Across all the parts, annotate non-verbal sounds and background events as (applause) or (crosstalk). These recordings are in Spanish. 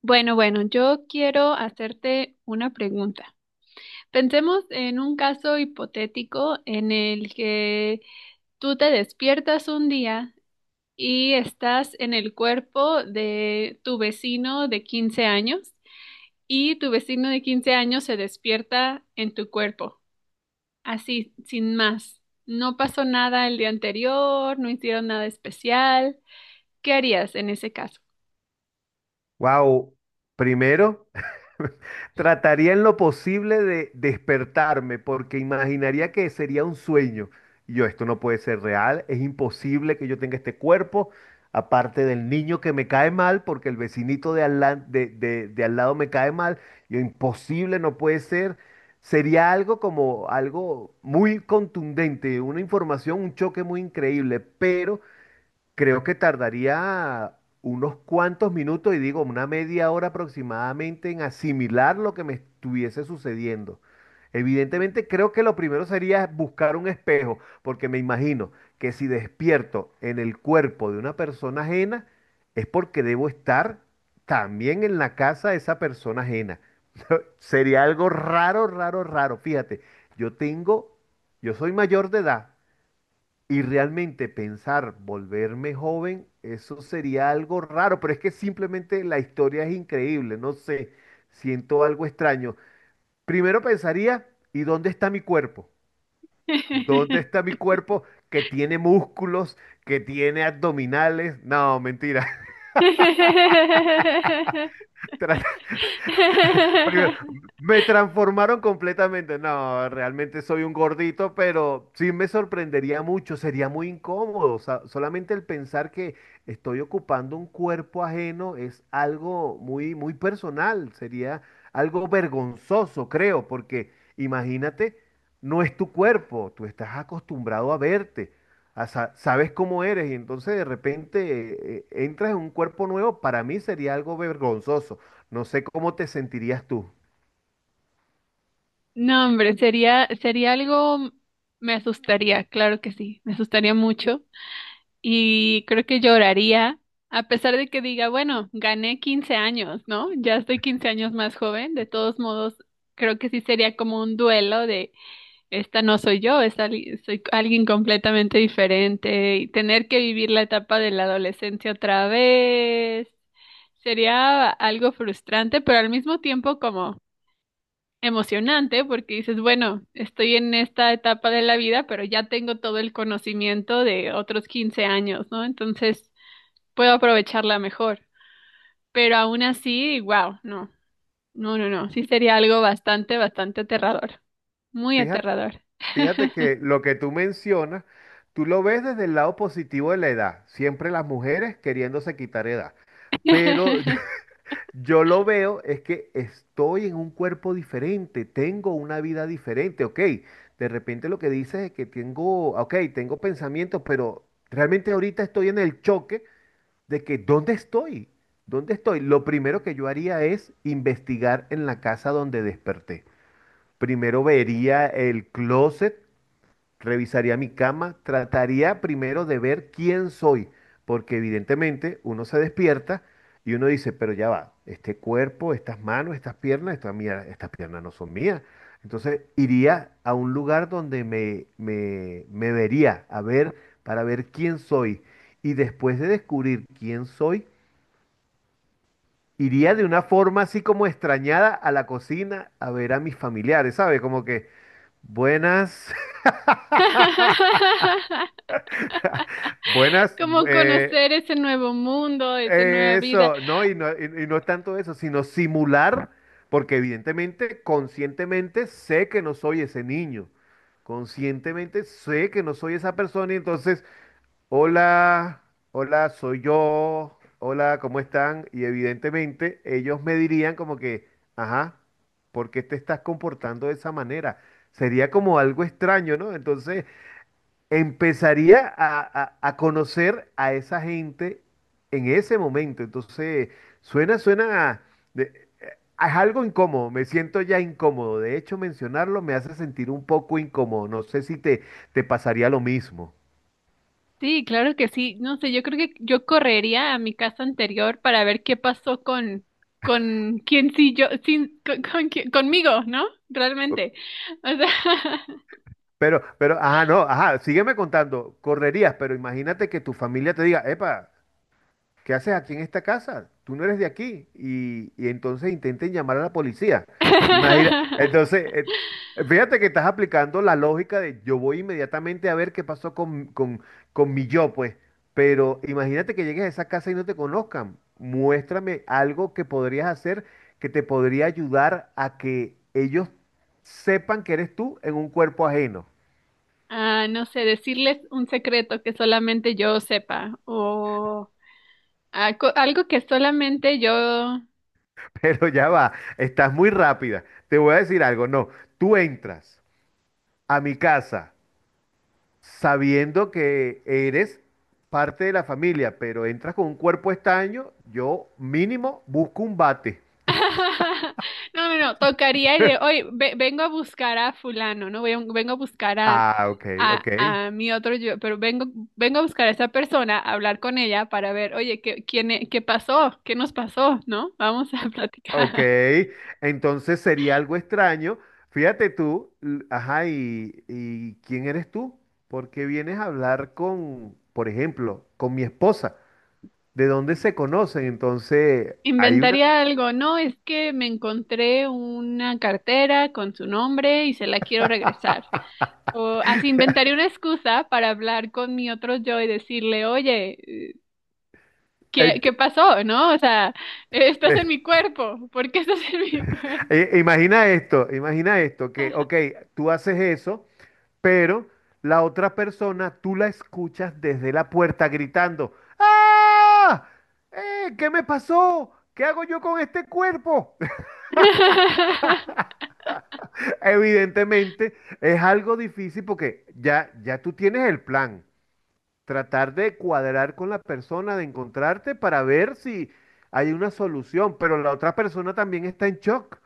Bueno, bueno, yo quiero hacerte una pregunta. Pensemos en un caso hipotético en el que tú te despiertas un día y estás en el cuerpo de tu vecino de 15 años y tu vecino de 15 años se despierta en tu cuerpo, así, sin más. No pasó nada el día anterior, no hicieron nada especial. ¿Qué harías en ese caso? Wow, primero, (laughs) trataría en lo posible de despertarme porque imaginaría que sería un sueño. Y yo, esto no puede ser real, es imposible que yo tenga este cuerpo, aparte del niño que me cae mal porque el vecinito de al, la- de al lado me cae mal. Yo, imposible, no puede ser. Sería algo como algo muy contundente, una información, un choque muy increíble, pero creo que tardaría unos cuantos minutos y digo una media hora aproximadamente en asimilar lo que me estuviese sucediendo. Evidentemente creo que lo primero sería buscar un espejo, porque me imagino que si despierto en el cuerpo de una persona ajena, es porque debo estar también en la casa de esa persona ajena. Sería algo raro, raro, raro. Fíjate, yo tengo, yo soy mayor de edad, y realmente pensar volverme joven, eso sería algo raro, pero es que simplemente la historia es increíble, no sé, siento algo extraño. Primero pensaría, ¿y dónde está mi cuerpo? ¿Dónde está mi cuerpo que tiene músculos, que tiene abdominales? No, mentira. (laughs) (laughs) Primero, (laughs) me transformaron completamente. No, realmente soy un gordito, pero sí me sorprendería mucho, sería muy incómodo. O sea, solamente el pensar que estoy ocupando un cuerpo ajeno es algo muy, muy personal, sería algo vergonzoso, creo, porque imagínate, no es tu cuerpo, tú estás acostumbrado a verte, sabes cómo eres y entonces de repente entras en un cuerpo nuevo, para mí sería algo vergonzoso. No sé cómo te sentirías tú. No, hombre, sería algo, me asustaría, claro que sí, me asustaría mucho y creo que lloraría, a pesar de que diga, bueno, gané 15 años, ¿no? Ya estoy 15 años más joven. De todos modos, creo que sí sería como un duelo de, esta no soy yo, soy alguien completamente diferente, y tener que vivir la etapa de la adolescencia otra vez. Sería algo frustrante, pero al mismo tiempo como emocionante porque dices, bueno, estoy en esta etapa de la vida, pero ya tengo todo el conocimiento de otros 15 años, ¿no? Entonces puedo aprovecharla mejor. Pero aún así, wow, no, no, no, no, sí sería algo bastante, bastante aterrador, muy Fíjate, aterrador. fíjate que lo que tú mencionas, tú lo ves desde el lado positivo de la edad, siempre las mujeres queriéndose quitar edad. Pero (laughs) (laughs) yo lo veo es que estoy en un cuerpo diferente, tengo una vida diferente, ok. De repente lo que dices es que tengo, ok, tengo pensamientos, pero realmente ahorita estoy en el choque de que ¿dónde estoy? ¿Dónde estoy? Lo primero que yo haría es investigar en la casa donde desperté. Primero vería el closet, revisaría mi cama, trataría primero de ver quién soy, porque evidentemente uno se despierta y uno dice, pero ya va, este cuerpo, estas manos, estas piernas, estas piernas no son mías. Entonces iría a un lugar donde me vería a ver, para ver quién soy. Y después de descubrir quién soy, iría de una forma así como extrañada a la cocina a ver a mis familiares, ¿sabes? Como que buenas, (laughs) buenas, Como eh, conocer ese nuevo mundo, esa nueva vida. eso, ¿no? Y no, y no es tanto eso, sino simular, porque evidentemente, conscientemente sé que no soy ese niño, conscientemente sé que no soy esa persona y entonces hola, hola, soy yo, hola, ¿cómo están? Y evidentemente ellos me dirían como que, ajá, ¿por qué te estás comportando de esa manera? Sería como algo extraño, ¿no? Entonces empezaría a conocer a esa gente en ese momento. Entonces suena, suena, de- eh, es algo incómodo, me siento ya incómodo. De hecho, mencionarlo me hace sentir un poco incómodo. No sé si te, te pasaría lo mismo. Sí, claro que sí. No sé, yo creo que yo correría a mi casa anterior para ver qué pasó con, quién sí yo, sin, con conmigo, ¿no? Realmente. O sea, Pero, ajá, no, ajá, sígueme contando, correrías, pero imagínate que tu familia te diga, epa, ¿qué haces aquí en esta casa? Tú no eres de aquí. Y entonces intenten llamar a la policía. Imagina, (laughs) entonces, fíjate que estás aplicando la lógica de yo voy inmediatamente a ver qué pasó con mi yo, pues. Pero imagínate que llegues a esa casa y no te conozcan. Muéstrame algo que podrías hacer que te podría ayudar a que ellos sepan que eres tú en un cuerpo ajeno. ah, no sé, decirles un secreto que solamente yo sepa, o ah, algo que solamente yo... (laughs) Pero ya va, estás muy rápida. Te voy a decir algo, no, tú entras a mi casa sabiendo que eres parte de la familia, pero entras con un cuerpo estaño, yo mínimo busco un bate. (laughs) No, no, no, tocaría y de, oye, vengo a buscar a fulano, ¿no? Vengo a buscar a, Ah, ok, a, ok, a mi otro yo, pero vengo a buscar a esa persona, a hablar con ella para ver, oye, ¿qué, quién, qué pasó? ¿Qué nos pasó? ¿No? Vamos a (laughs) ok. platicar. Entonces sería algo extraño. Fíjate tú, ajá, y ¿quién eres tú? ¿Por qué vienes a hablar con, por ejemplo, con mi esposa? ¿De dónde se conocen? Entonces, hay una Inventaría algo, no, es que me encontré una cartera con su nombre y se la quiero regresar. O así inventaría una excusa para hablar con mi otro yo y decirle, oye, eh, ¿qué pasó, no? O sea, estás en mi (laughs) cuerpo. ¿Por qué estás (laughs) en mi cuerpo? Imagina esto, imagina esto, que, ok, tú haces eso, pero la otra persona tú la escuchas desde la puerta gritando, ¡ah! ¿Qué me pasó? ¿Qué hago yo con este cuerpo? (laughs) (laughs) Evidentemente es algo difícil porque ya, ya tú tienes el plan, tratar de cuadrar con la persona, de encontrarte para ver si hay una solución, pero la otra persona también está en shock.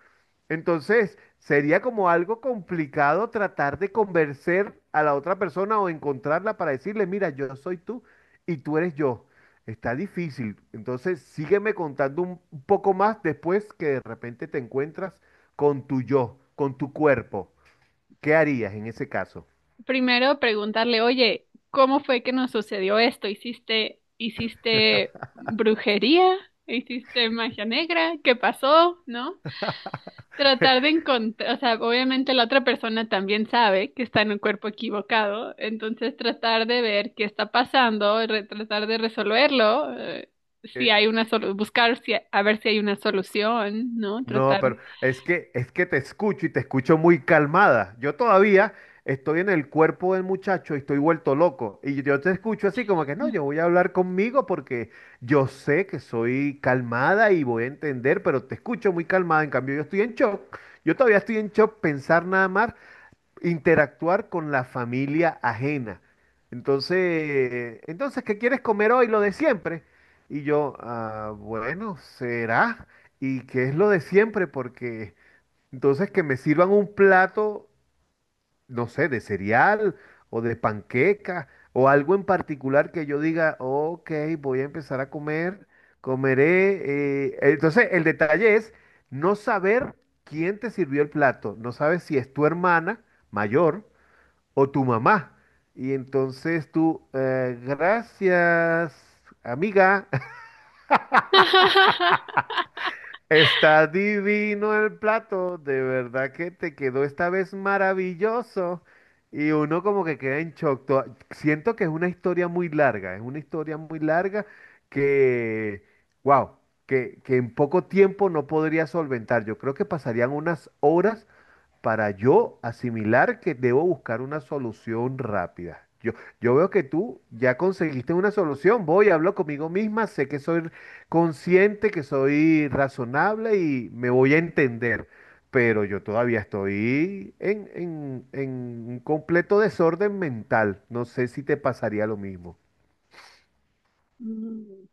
Entonces, sería como algo complicado tratar de convencer a la otra persona o encontrarla para decirle, mira, yo soy tú y tú eres yo. Está difícil. Entonces, sígueme contando un poco más después que de repente te encuentras con tu yo, con tu cuerpo. ¿Qué harías en ese caso? Primero preguntarle, oye, ¿cómo fue que nos sucedió esto? ¿Hiciste brujería? ¿Hiciste magia negra? ¿Qué pasó? ¿No? Tratar de encontrar, o sea, obviamente la otra persona también sabe que está en un cuerpo equivocado, entonces tratar de ver qué está pasando, tratar de resolverlo, si Eh, hay una solución, buscar si a ver si hay una solución, ¿no? No, Tratar pero de... es que te escucho y te escucho muy calmada. Yo todavía estoy en el cuerpo del muchacho y estoy vuelto loco. Y yo te escucho así como que no, yo voy a hablar conmigo porque yo sé que soy calmada y voy a entender, pero te escucho muy calmada. En cambio, yo estoy en shock. Yo todavía estoy en shock pensar nada más interactuar con la familia ajena. Entonces, entonces, ¿qué quieres comer hoy? Lo de siempre. Y yo, "Ah, bueno, será. ¿Y qué es lo de siempre? Porque entonces que me sirvan un plato, no sé, de cereal o de panqueca o algo en particular que yo diga, ok, voy a empezar a comer, comeré. Entonces, el detalle es no saber quién te sirvió el plato. No sabes si es tu hermana mayor o tu mamá. Y entonces tú, gracias, amiga. (laughs) (laughs) Está divino el plato, de verdad que te quedó esta vez maravilloso. Y uno como que queda en shock. Siento que es una historia muy larga, es una historia muy larga que, wow, que en poco tiempo no podría solventar. Yo creo que pasarían unas horas para yo asimilar que debo buscar una solución rápida. Yo veo que tú ya conseguiste una solución, voy, hablo conmigo misma, sé que soy consciente, que soy razonable y me voy a entender, pero yo todavía estoy en un completo desorden mental. No sé si te pasaría lo mismo. Mm,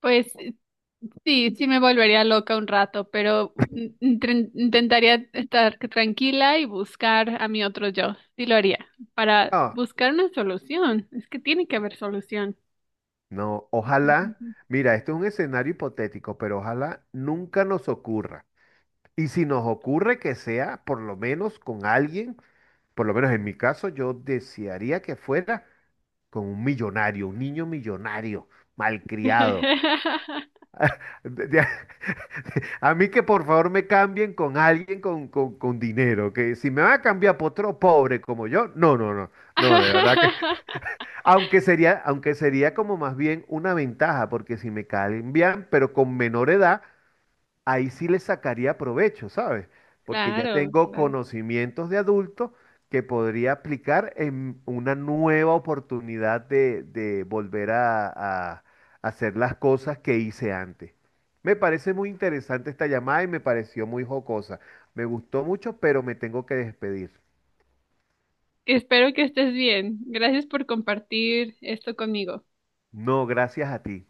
Pues sí, sí me volvería loca un rato, pero intentaría estar tranquila y buscar a mi otro yo, sí lo haría, para No, buscar una solución, es que tiene que haber solución. no, ojalá, mira, esto es un escenario hipotético, pero ojalá nunca nos ocurra. Y si nos ocurre que sea, por lo menos con alguien, por lo menos en mi caso, yo desearía que fuera con un millonario, un niño millonario, malcriado. (laughs) De- de- (laughs) a mí que por favor me cambien con alguien con, con dinero, que si me van a cambiar por otro pobre como yo, no, no, no, no, de verdad que, aunque sería como más bien una ventaja, porque si me cambian, pero con menor edad, ahí sí le sacaría provecho, ¿sabes? Porque ya Claro, tengo claro. conocimientos de adulto que podría aplicar en una nueva oportunidad de volver a hacer las cosas que hice antes. Me parece muy interesante esta llamada y me pareció muy jocosa. Me gustó mucho, pero me tengo que despedir. Espero que estés bien. Gracias por compartir esto conmigo. No, gracias a ti.